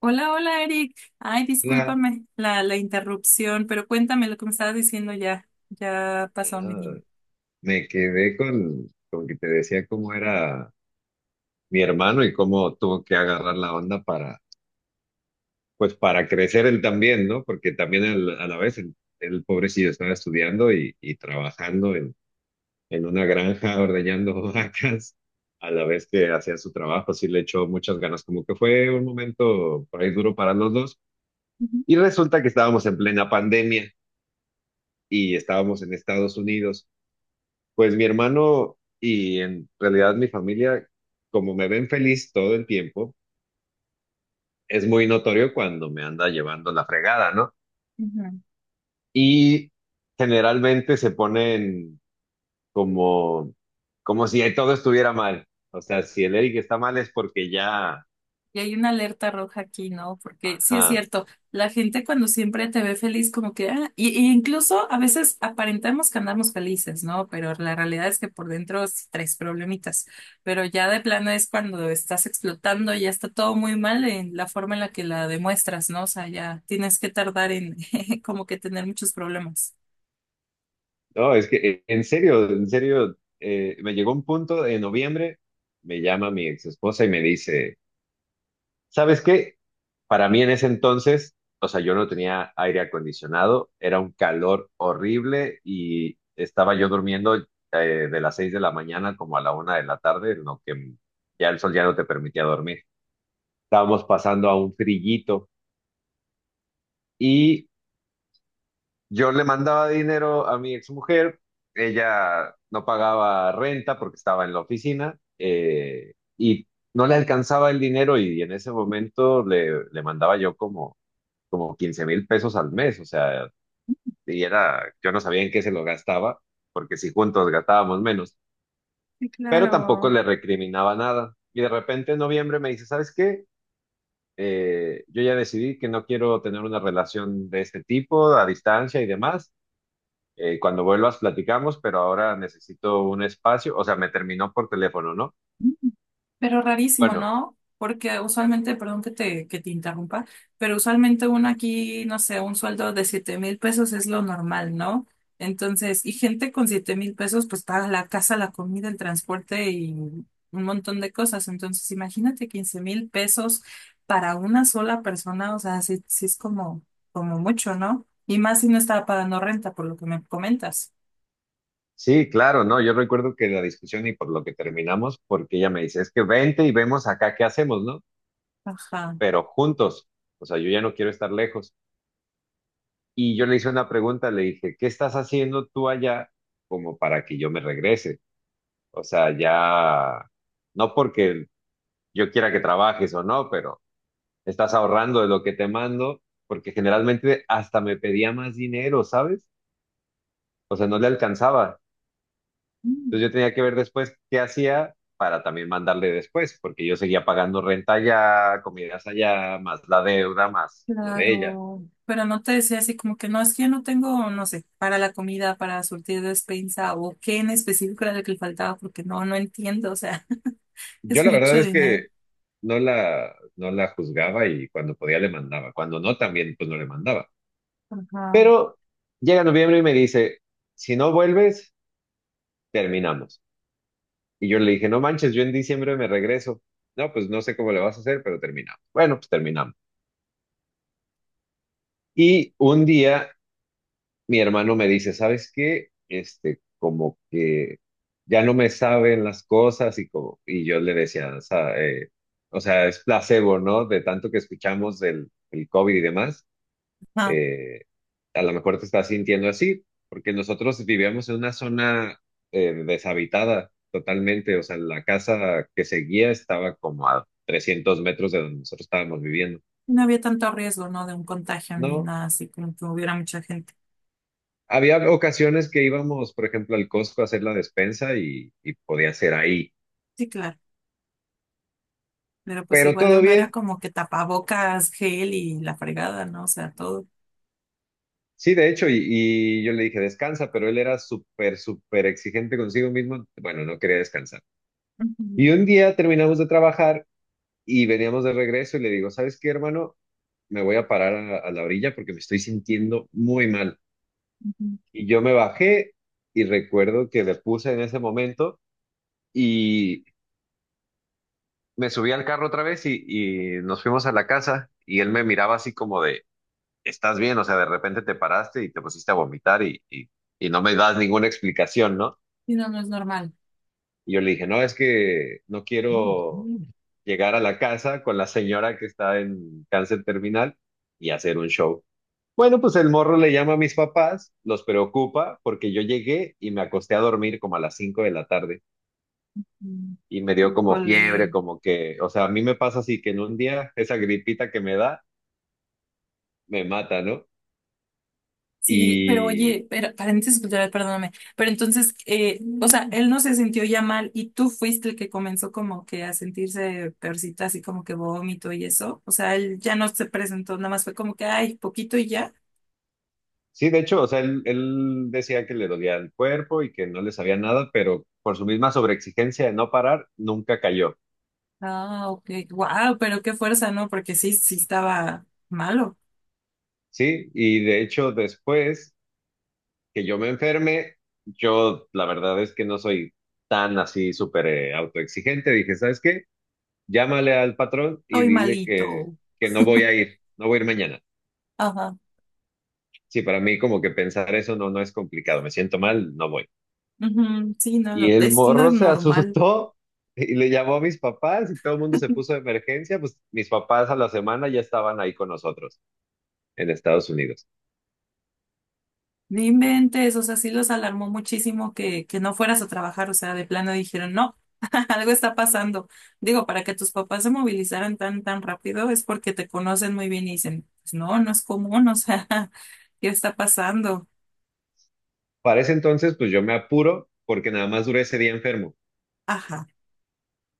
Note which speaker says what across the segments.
Speaker 1: Hola, hola Eric. Ay,
Speaker 2: La,
Speaker 1: discúlpame la interrupción, pero cuéntame lo que me estabas diciendo ya. Ya pasó, mi
Speaker 2: ah,
Speaker 1: niño.
Speaker 2: Me quedé con que te decía cómo era mi hermano y cómo tuvo que agarrar la onda pues para crecer él también, ¿no? Porque también él, a la vez pobrecillo estaba estudiando y trabajando en una granja ordeñando vacas, a la vez que hacía su trabajo, sí le echó muchas ganas, como que fue un momento por ahí duro para los dos.
Speaker 1: Ujú.
Speaker 2: Y resulta que estábamos en plena pandemia y estábamos en Estados Unidos. Pues mi hermano y en realidad mi familia, como me ven feliz todo el tiempo, es muy notorio cuando me anda llevando la fregada, ¿no?
Speaker 1: Ujú.
Speaker 2: Y generalmente se ponen como, como si todo estuviera mal. O sea, si el Eric está mal es porque ya,
Speaker 1: Y hay una alerta roja aquí, ¿no? Porque sí es
Speaker 2: ajá.
Speaker 1: cierto, la gente cuando siempre te ve feliz, como que, ah, y incluso a veces aparentamos que andamos felices, ¿no? Pero la realidad es que por dentro sí traes problemitas. Pero ya de plano es cuando estás explotando, ya está todo muy mal en la forma en la que la demuestras, ¿no? O sea, ya tienes que tardar en como que tener muchos problemas.
Speaker 2: No, es que en serio, me llegó un punto en noviembre, me llama mi ex esposa y me dice, ¿sabes qué? Para mí en ese entonces, o sea, yo no tenía aire acondicionado, era un calor horrible y estaba yo durmiendo eh, de las 6 de la mañana como a la 1 de la tarde, en lo que ya el sol ya no te permitía dormir. Estábamos pasando a un frillito y yo le mandaba dinero a mi exmujer, ella no pagaba renta porque estaba en la oficina, y no le alcanzaba el dinero y en ese momento le mandaba yo como 15,000 pesos al mes, o sea, y era, yo no sabía en qué se lo gastaba, porque si juntos gastábamos menos,
Speaker 1: Sí,
Speaker 2: pero tampoco
Speaker 1: claro.
Speaker 2: le recriminaba nada. Y de repente en noviembre me dice, ¿sabes qué? Yo ya decidí que no quiero tener una relación de este tipo, a distancia y demás. Cuando vuelvas platicamos, pero ahora necesito un espacio, o sea, me terminó por teléfono, ¿no?
Speaker 1: Pero rarísimo,
Speaker 2: Bueno,
Speaker 1: ¿no? Porque usualmente, perdón que te interrumpa, pero usualmente uno aquí, no sé, un sueldo de 7000 pesos es lo normal, ¿no? Entonces, y gente con 7000 pesos, pues paga la casa, la comida, el transporte y un montón de cosas. Entonces, imagínate 15000 pesos para una sola persona, o sea, sí, sí es como, como mucho, ¿no? Y más si no estaba pagando renta, por lo que me comentas.
Speaker 2: sí, claro, ¿no? Yo recuerdo que la discusión y por lo que terminamos, porque ella me dice, es que vente y vemos acá qué hacemos, ¿no?
Speaker 1: Ajá.
Speaker 2: Pero juntos. O sea, yo ya no quiero estar lejos. Y yo le hice una pregunta, le dije, ¿qué estás haciendo tú allá como para que yo me regrese? O sea, ya, no porque yo quiera que trabajes o no, pero estás ahorrando de lo que te mando, porque generalmente hasta me pedía más dinero, ¿sabes? O sea, no le alcanzaba. Entonces yo tenía que ver después qué hacía para también mandarle después, porque yo seguía pagando renta allá, comidas allá, más la deuda, más lo de ella.
Speaker 1: Claro, pero no te decía así como que no, es que yo no tengo, no sé, para la comida, para surtir despensa o qué en específico era lo que le faltaba, porque no, no entiendo, o sea,
Speaker 2: Yo
Speaker 1: es
Speaker 2: la verdad
Speaker 1: mucho
Speaker 2: es
Speaker 1: dinero.
Speaker 2: que no la juzgaba y cuando podía le mandaba. Cuando no, también pues no le mandaba.
Speaker 1: Ajá,
Speaker 2: Pero llega noviembre y me dice, si no vuelves, terminamos. Y yo le dije, no manches, yo en diciembre me regreso. No, pues no sé cómo le vas a hacer, pero terminamos. Bueno, pues terminamos. Y un día mi hermano me dice, ¿sabes qué? Este, como que ya no me saben las cosas y yo le decía, o sea, es placebo, ¿no? De tanto que escuchamos del el COVID y demás.
Speaker 1: ajá.
Speaker 2: eh, a lo mejor te estás sintiendo así, porque nosotros vivíamos en una zona deshabitada totalmente, o sea, la casa que seguía estaba como a 300 metros de donde nosotros estábamos viviendo.
Speaker 1: No había tanto riesgo, ¿no? De un contagio ni
Speaker 2: No,
Speaker 1: nada así, como que hubiera mucha gente.
Speaker 2: había ocasiones que íbamos, por ejemplo, al Costco a hacer la despensa y podía ser ahí,
Speaker 1: Sí, claro, pero pues
Speaker 2: pero
Speaker 1: igual
Speaker 2: todo
Speaker 1: uno era
Speaker 2: bien.
Speaker 1: como que tapabocas, gel y la fregada, ¿no? O sea, todo.
Speaker 2: Sí, de hecho, y yo le dije, descansa, pero él era súper, súper exigente consigo mismo. Bueno, no quería descansar.
Speaker 1: Ujú,
Speaker 2: Y un día terminamos de trabajar. Y veníamos de regreso y le digo, ¿sabes qué, hermano? Me voy a parar a la orilla porque me estoy sintiendo muy mal.
Speaker 1: ujú.
Speaker 2: Y yo me bajé y recuerdo que le puse en ese momento y me subí al carro otra vez y nos fuimos a la casa y él me miraba así como de, ¿estás bien? O sea, de repente te paraste y te pusiste a vomitar y no me das ninguna explicación, ¿no?
Speaker 1: Y no, no es normal.
Speaker 2: Y yo le dije, no, es que no quiero llegar a la casa con la señora que está en cáncer terminal y hacer un show. Bueno, pues el morro le llama a mis papás, los preocupa porque yo llegué y me acosté a dormir como a las 5 de la tarde
Speaker 1: Mm.
Speaker 2: y me dio como
Speaker 1: Híjole.
Speaker 2: fiebre, como que, o sea, a mí me pasa así que en un día esa gripita que me da me mata, ¿no?
Speaker 1: Sí, pero
Speaker 2: Y
Speaker 1: oye, pero, paréntesis cultural, perdóname, pero entonces, o sea, él no se sintió ya mal y tú fuiste el que comenzó como que a sentirse peorcita, así como que vómito y eso, o sea, él ya no se presentó, nada más fue como que, ay, poquito y ya.
Speaker 2: sí, de hecho, o sea, él decía que le dolía el cuerpo y que no le sabía nada, pero por su misma sobreexigencia de no parar, nunca cayó,
Speaker 1: Ah, ok, wow, pero qué fuerza, ¿no? Porque sí, sí estaba malo,
Speaker 2: ¿sí? Y de hecho, después que yo me enferme, yo la verdad es que no soy tan así súper autoexigente. Dije, ¿sabes qué? Llámale al patrón y
Speaker 1: estoy
Speaker 2: dile que,
Speaker 1: malito.
Speaker 2: que no voy a ir, no voy a ir mañana.
Speaker 1: Ajá,
Speaker 2: Sí, para mí como que pensar eso no es complicado, me siento mal, no voy.
Speaker 1: ujú, sí, no,
Speaker 2: Y
Speaker 1: lo-
Speaker 2: el
Speaker 1: es lo
Speaker 2: morro se
Speaker 1: normal.
Speaker 2: asustó y le llamó a mis papás y todo el mundo se puso de emergencia, pues mis papás a la semana ya estaban ahí con nosotros en Estados Unidos.
Speaker 1: No inventes, o sea, sí los alarmó muchísimo que no fueras a trabajar, o sea, de plano dijeron, no, algo está pasando. Digo, para que tus papás se movilizaran tan, tan rápido es porque te conocen muy bien y dicen, pues no, no es común, o sea, ¿qué está pasando?
Speaker 2: Para ese entonces, pues yo me apuro porque nada más duré ese día enfermo.
Speaker 1: Ajá,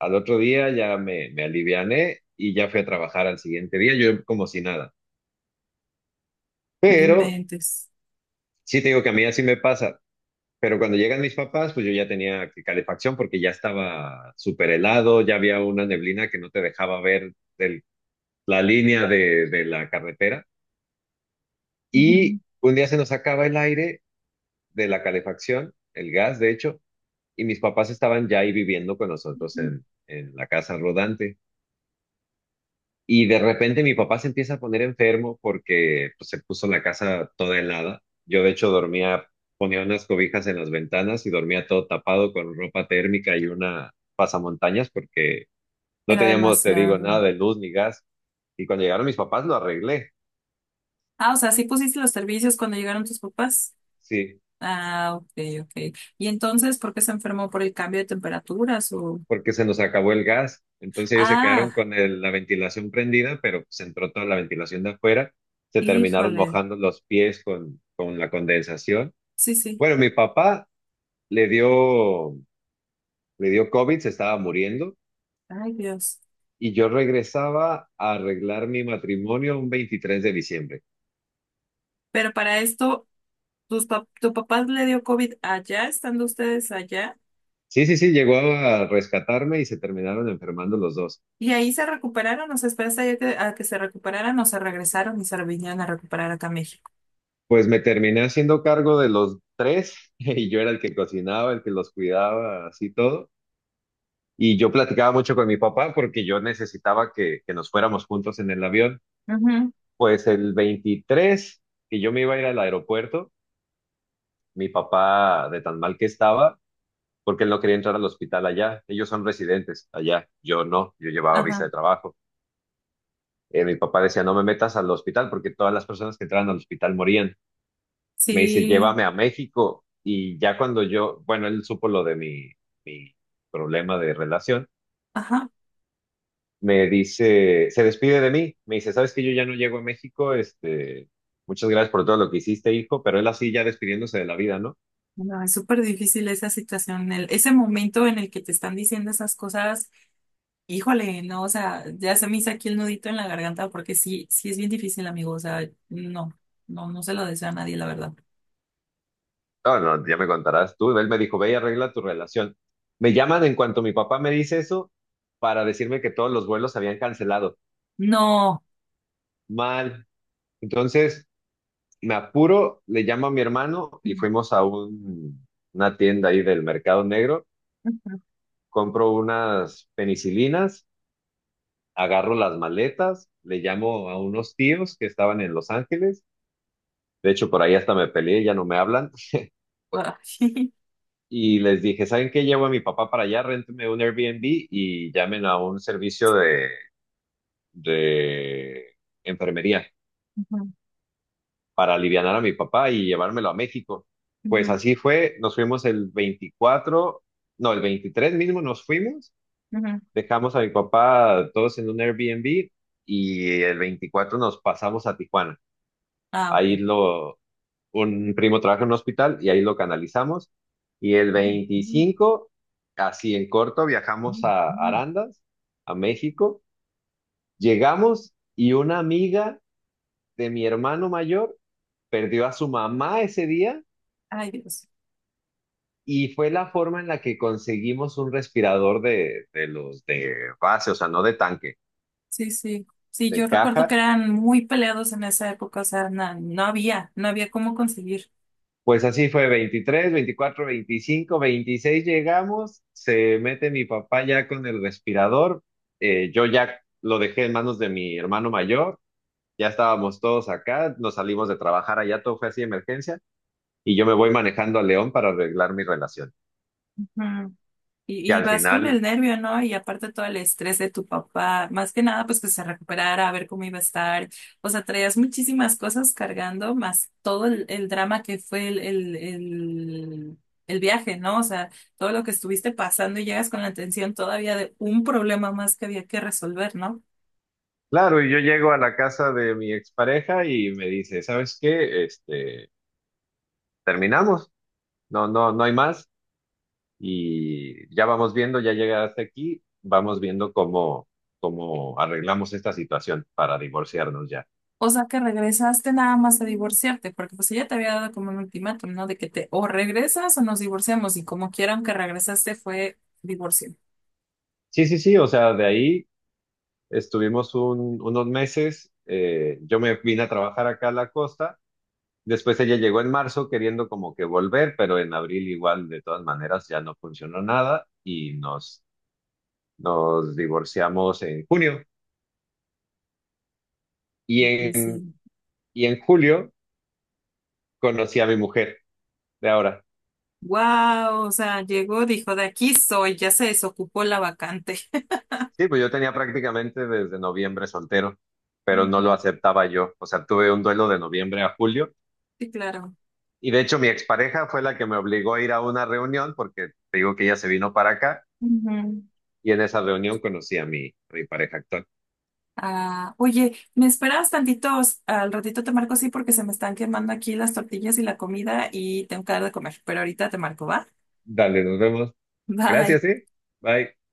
Speaker 2: Al otro día ya me aliviané y ya fui a trabajar al siguiente día, yo como si nada.
Speaker 1: no
Speaker 2: Pero
Speaker 1: inventes,
Speaker 2: sí te digo que a mí así me pasa. Pero cuando llegan mis papás, pues yo ya tenía calefacción porque ya estaba súper helado, ya había una neblina que no te dejaba ver el- la línea de la carretera. Y un día se nos acaba el aire de la calefacción, el gas, de hecho, y mis papás estaban ya ahí viviendo con nosotros en la casa rodante. Y de repente mi papá se empieza a poner enfermo porque pues, se puso la casa toda helada. Yo de hecho dormía, ponía unas cobijas en las ventanas y dormía todo tapado con ropa térmica y una pasamontañas porque no
Speaker 1: era
Speaker 2: teníamos, te digo,
Speaker 1: demasiado.
Speaker 2: nada de luz ni gas. Y cuando llegaron mis papás lo arreglé,
Speaker 1: Ah, o sea, sí pusiste los servicios cuando llegaron tus papás.
Speaker 2: sí,
Speaker 1: Ah, ok, ok. ¿Y entonces por qué se enfermó por el cambio de temperaturas o...
Speaker 2: porque se nos acabó el gas. Entonces ellos se quedaron
Speaker 1: Ah,
Speaker 2: con la ventilación prendida, pero pues entró toda la ventilación de afuera. Se terminaron
Speaker 1: híjole,
Speaker 2: mojando los pies con la condensación.
Speaker 1: sí, sí,
Speaker 2: Bueno, mi papá le dio Le dio COVID, se estaba muriendo
Speaker 1: ay Dios.
Speaker 2: y yo regresaba a arreglar mi matrimonio un 23 de diciembre.
Speaker 1: Pero para esto, tus pap- tu papá le dio COVID allá, estando ustedes allá,
Speaker 2: Sí, sí, sí, llegó a rescatarme y se terminaron enfermando los dos.
Speaker 1: y ahí se recuperaron, o sea, esperaste ahí a que se recuperaran, o se regresaron y se vinieron a recuperar acá a México.
Speaker 2: Pues me terminé haciendo cargo de los tres y yo era el que cocinaba, el que los cuidaba, así todo. Y yo platicaba mucho con mi papá porque yo necesitaba que nos fuéramos juntos en el avión.
Speaker 1: Ujú,
Speaker 2: Pues el 23 que yo me iba a ir al aeropuerto, mi papá, de tan mal que estaba, porque él no quería entrar al hospital allá. Ellos son residentes allá, yo no, yo llevaba visa
Speaker 1: ajá,
Speaker 2: de trabajo. Mi papá decía, no me metas al hospital porque todas las personas que entraban al hospital morían. Me dice,
Speaker 1: sí,
Speaker 2: llévame a México. Y ya cuando yo, bueno, él supo lo de mi problema de relación,
Speaker 1: ajá.
Speaker 2: me dice, se despide de mí, me dice, sabes que yo ya no llego a México, este, muchas gracias por todo lo que hiciste, hijo, pero él así ya despidiéndose de la vida, ¿no?
Speaker 1: No, es súper difícil esa situación, el- ese momento en el que te están diciendo esas cosas, híjole, no, o sea, ya se me hizo aquí el nudito en la garganta porque sí, sí es bien difícil, amigo, o sea, no, no, no se lo deseo a nadie, la verdad.
Speaker 2: No, no, ya me contarás tú. Él me dijo, ve y arregla tu relación. Me llaman en cuanto mi papá me dice eso para decirme que todos los vuelos se habían cancelado.
Speaker 1: No.
Speaker 2: Mal. Entonces, me apuro, le llamo a mi hermano y
Speaker 1: Ujú.
Speaker 2: fuimos a una tienda ahí del mercado negro. Compro unas penicilinas, agarro las maletas, le llamo a unos tíos que estaban en Los Ángeles. De hecho, por ahí hasta me peleé, ya no me hablan.
Speaker 1: Ay.
Speaker 2: Y les dije, ¿saben qué? Llevo a mi papá para allá, réntenme un Airbnb y llamen a un servicio de enfermería
Speaker 1: Ujú.
Speaker 2: para aliviar a mi papá y llevármelo a México. Pues
Speaker 1: Ujú.
Speaker 2: así fue, nos fuimos el 24, no, el 23 mismo nos fuimos,
Speaker 1: Ujú.
Speaker 2: dejamos a mi papá todos en un Airbnb y el 24 nos pasamos a Tijuana.
Speaker 1: Ah,
Speaker 2: Ahí
Speaker 1: ok.
Speaker 2: lo, un primo trabaja en un hospital y ahí lo canalizamos. Y el 25 así en corto, viajamos a Arandas, a México. Llegamos y una amiga de mi hermano mayor perdió a su mamá ese día
Speaker 1: Ay, Dios.
Speaker 2: y fue la forma en la que conseguimos un respirador de los de base, o sea, no de tanque,
Speaker 1: Sí, sí. Sí, yo
Speaker 2: de
Speaker 1: recuerdo que
Speaker 2: caja.
Speaker 1: eran muy peleados en esa época, o sea, na- no, había, no había cómo conseguir.
Speaker 2: Pues así fue, 23, 24, 25, 26 llegamos, se mete mi papá ya con el respirador, yo ya lo dejé en manos de mi hermano mayor, ya estábamos todos acá, nos salimos de trabajar allá, todo fue así de emergencia, y yo me voy manejando a León para arreglar mi relación.
Speaker 1: Ujú.
Speaker 2: Y
Speaker 1: Y
Speaker 2: al
Speaker 1: vas con
Speaker 2: final,
Speaker 1: el nervio, ¿no? Y aparte todo el estrés de tu papá, más que nada, pues que se recuperara, a ver cómo iba a estar. O sea, traías muchísimas cosas cargando, más todo el drama que fue el viaje, ¿no? O sea, todo lo que estuviste pasando y llegas con la atención todavía de un problema más que había que resolver, ¿no?
Speaker 2: claro, y yo llego a la casa de mi expareja y me dice, ¿sabes qué? Este, terminamos, no, no, no hay más. Y ya vamos viendo, ya llegaste aquí, vamos viendo cómo arreglamos esta situación para divorciarnos ya.
Speaker 1: O sea que regresaste nada más a divorciarte, porque pues ella te había dado como un ultimátum, ¿no? De que te o regresas o nos divorciamos, y como quieran que regresaste fue divorcio.
Speaker 2: Sí, sí, sí, o sea, de ahí estuvimos unos meses, yo me vine a trabajar acá a la costa, después ella llegó en marzo queriendo como que volver, pero en abril igual de todas maneras ya no funcionó nada y nos divorciamos en junio y
Speaker 1: Y
Speaker 2: en,
Speaker 1: sí.
Speaker 2: y en julio conocí a mi mujer de ahora.
Speaker 1: Wow, o sea, llegó, dijo, de aquí soy, ya se desocupó la vacante.
Speaker 2: Sí, pues yo tenía prácticamente desde noviembre soltero, pero no lo
Speaker 1: Ujú,
Speaker 2: aceptaba yo. O sea, tuve un duelo de noviembre a julio
Speaker 1: sí, claro.
Speaker 2: y de hecho mi expareja fue la que me obligó a ir a una reunión porque te digo que ella se vino para acá
Speaker 1: Ujú.
Speaker 2: y en esa reunión conocí a mi pareja actual.
Speaker 1: Ah, oye, ¿me esperas tantitos? Al ratito te marco, sí, porque se me están quemando aquí las tortillas y la comida y tengo que dar de comer, pero ahorita te marco, ¿va?
Speaker 2: Dale, nos vemos.
Speaker 1: Bye.
Speaker 2: Gracias, sí. Bye.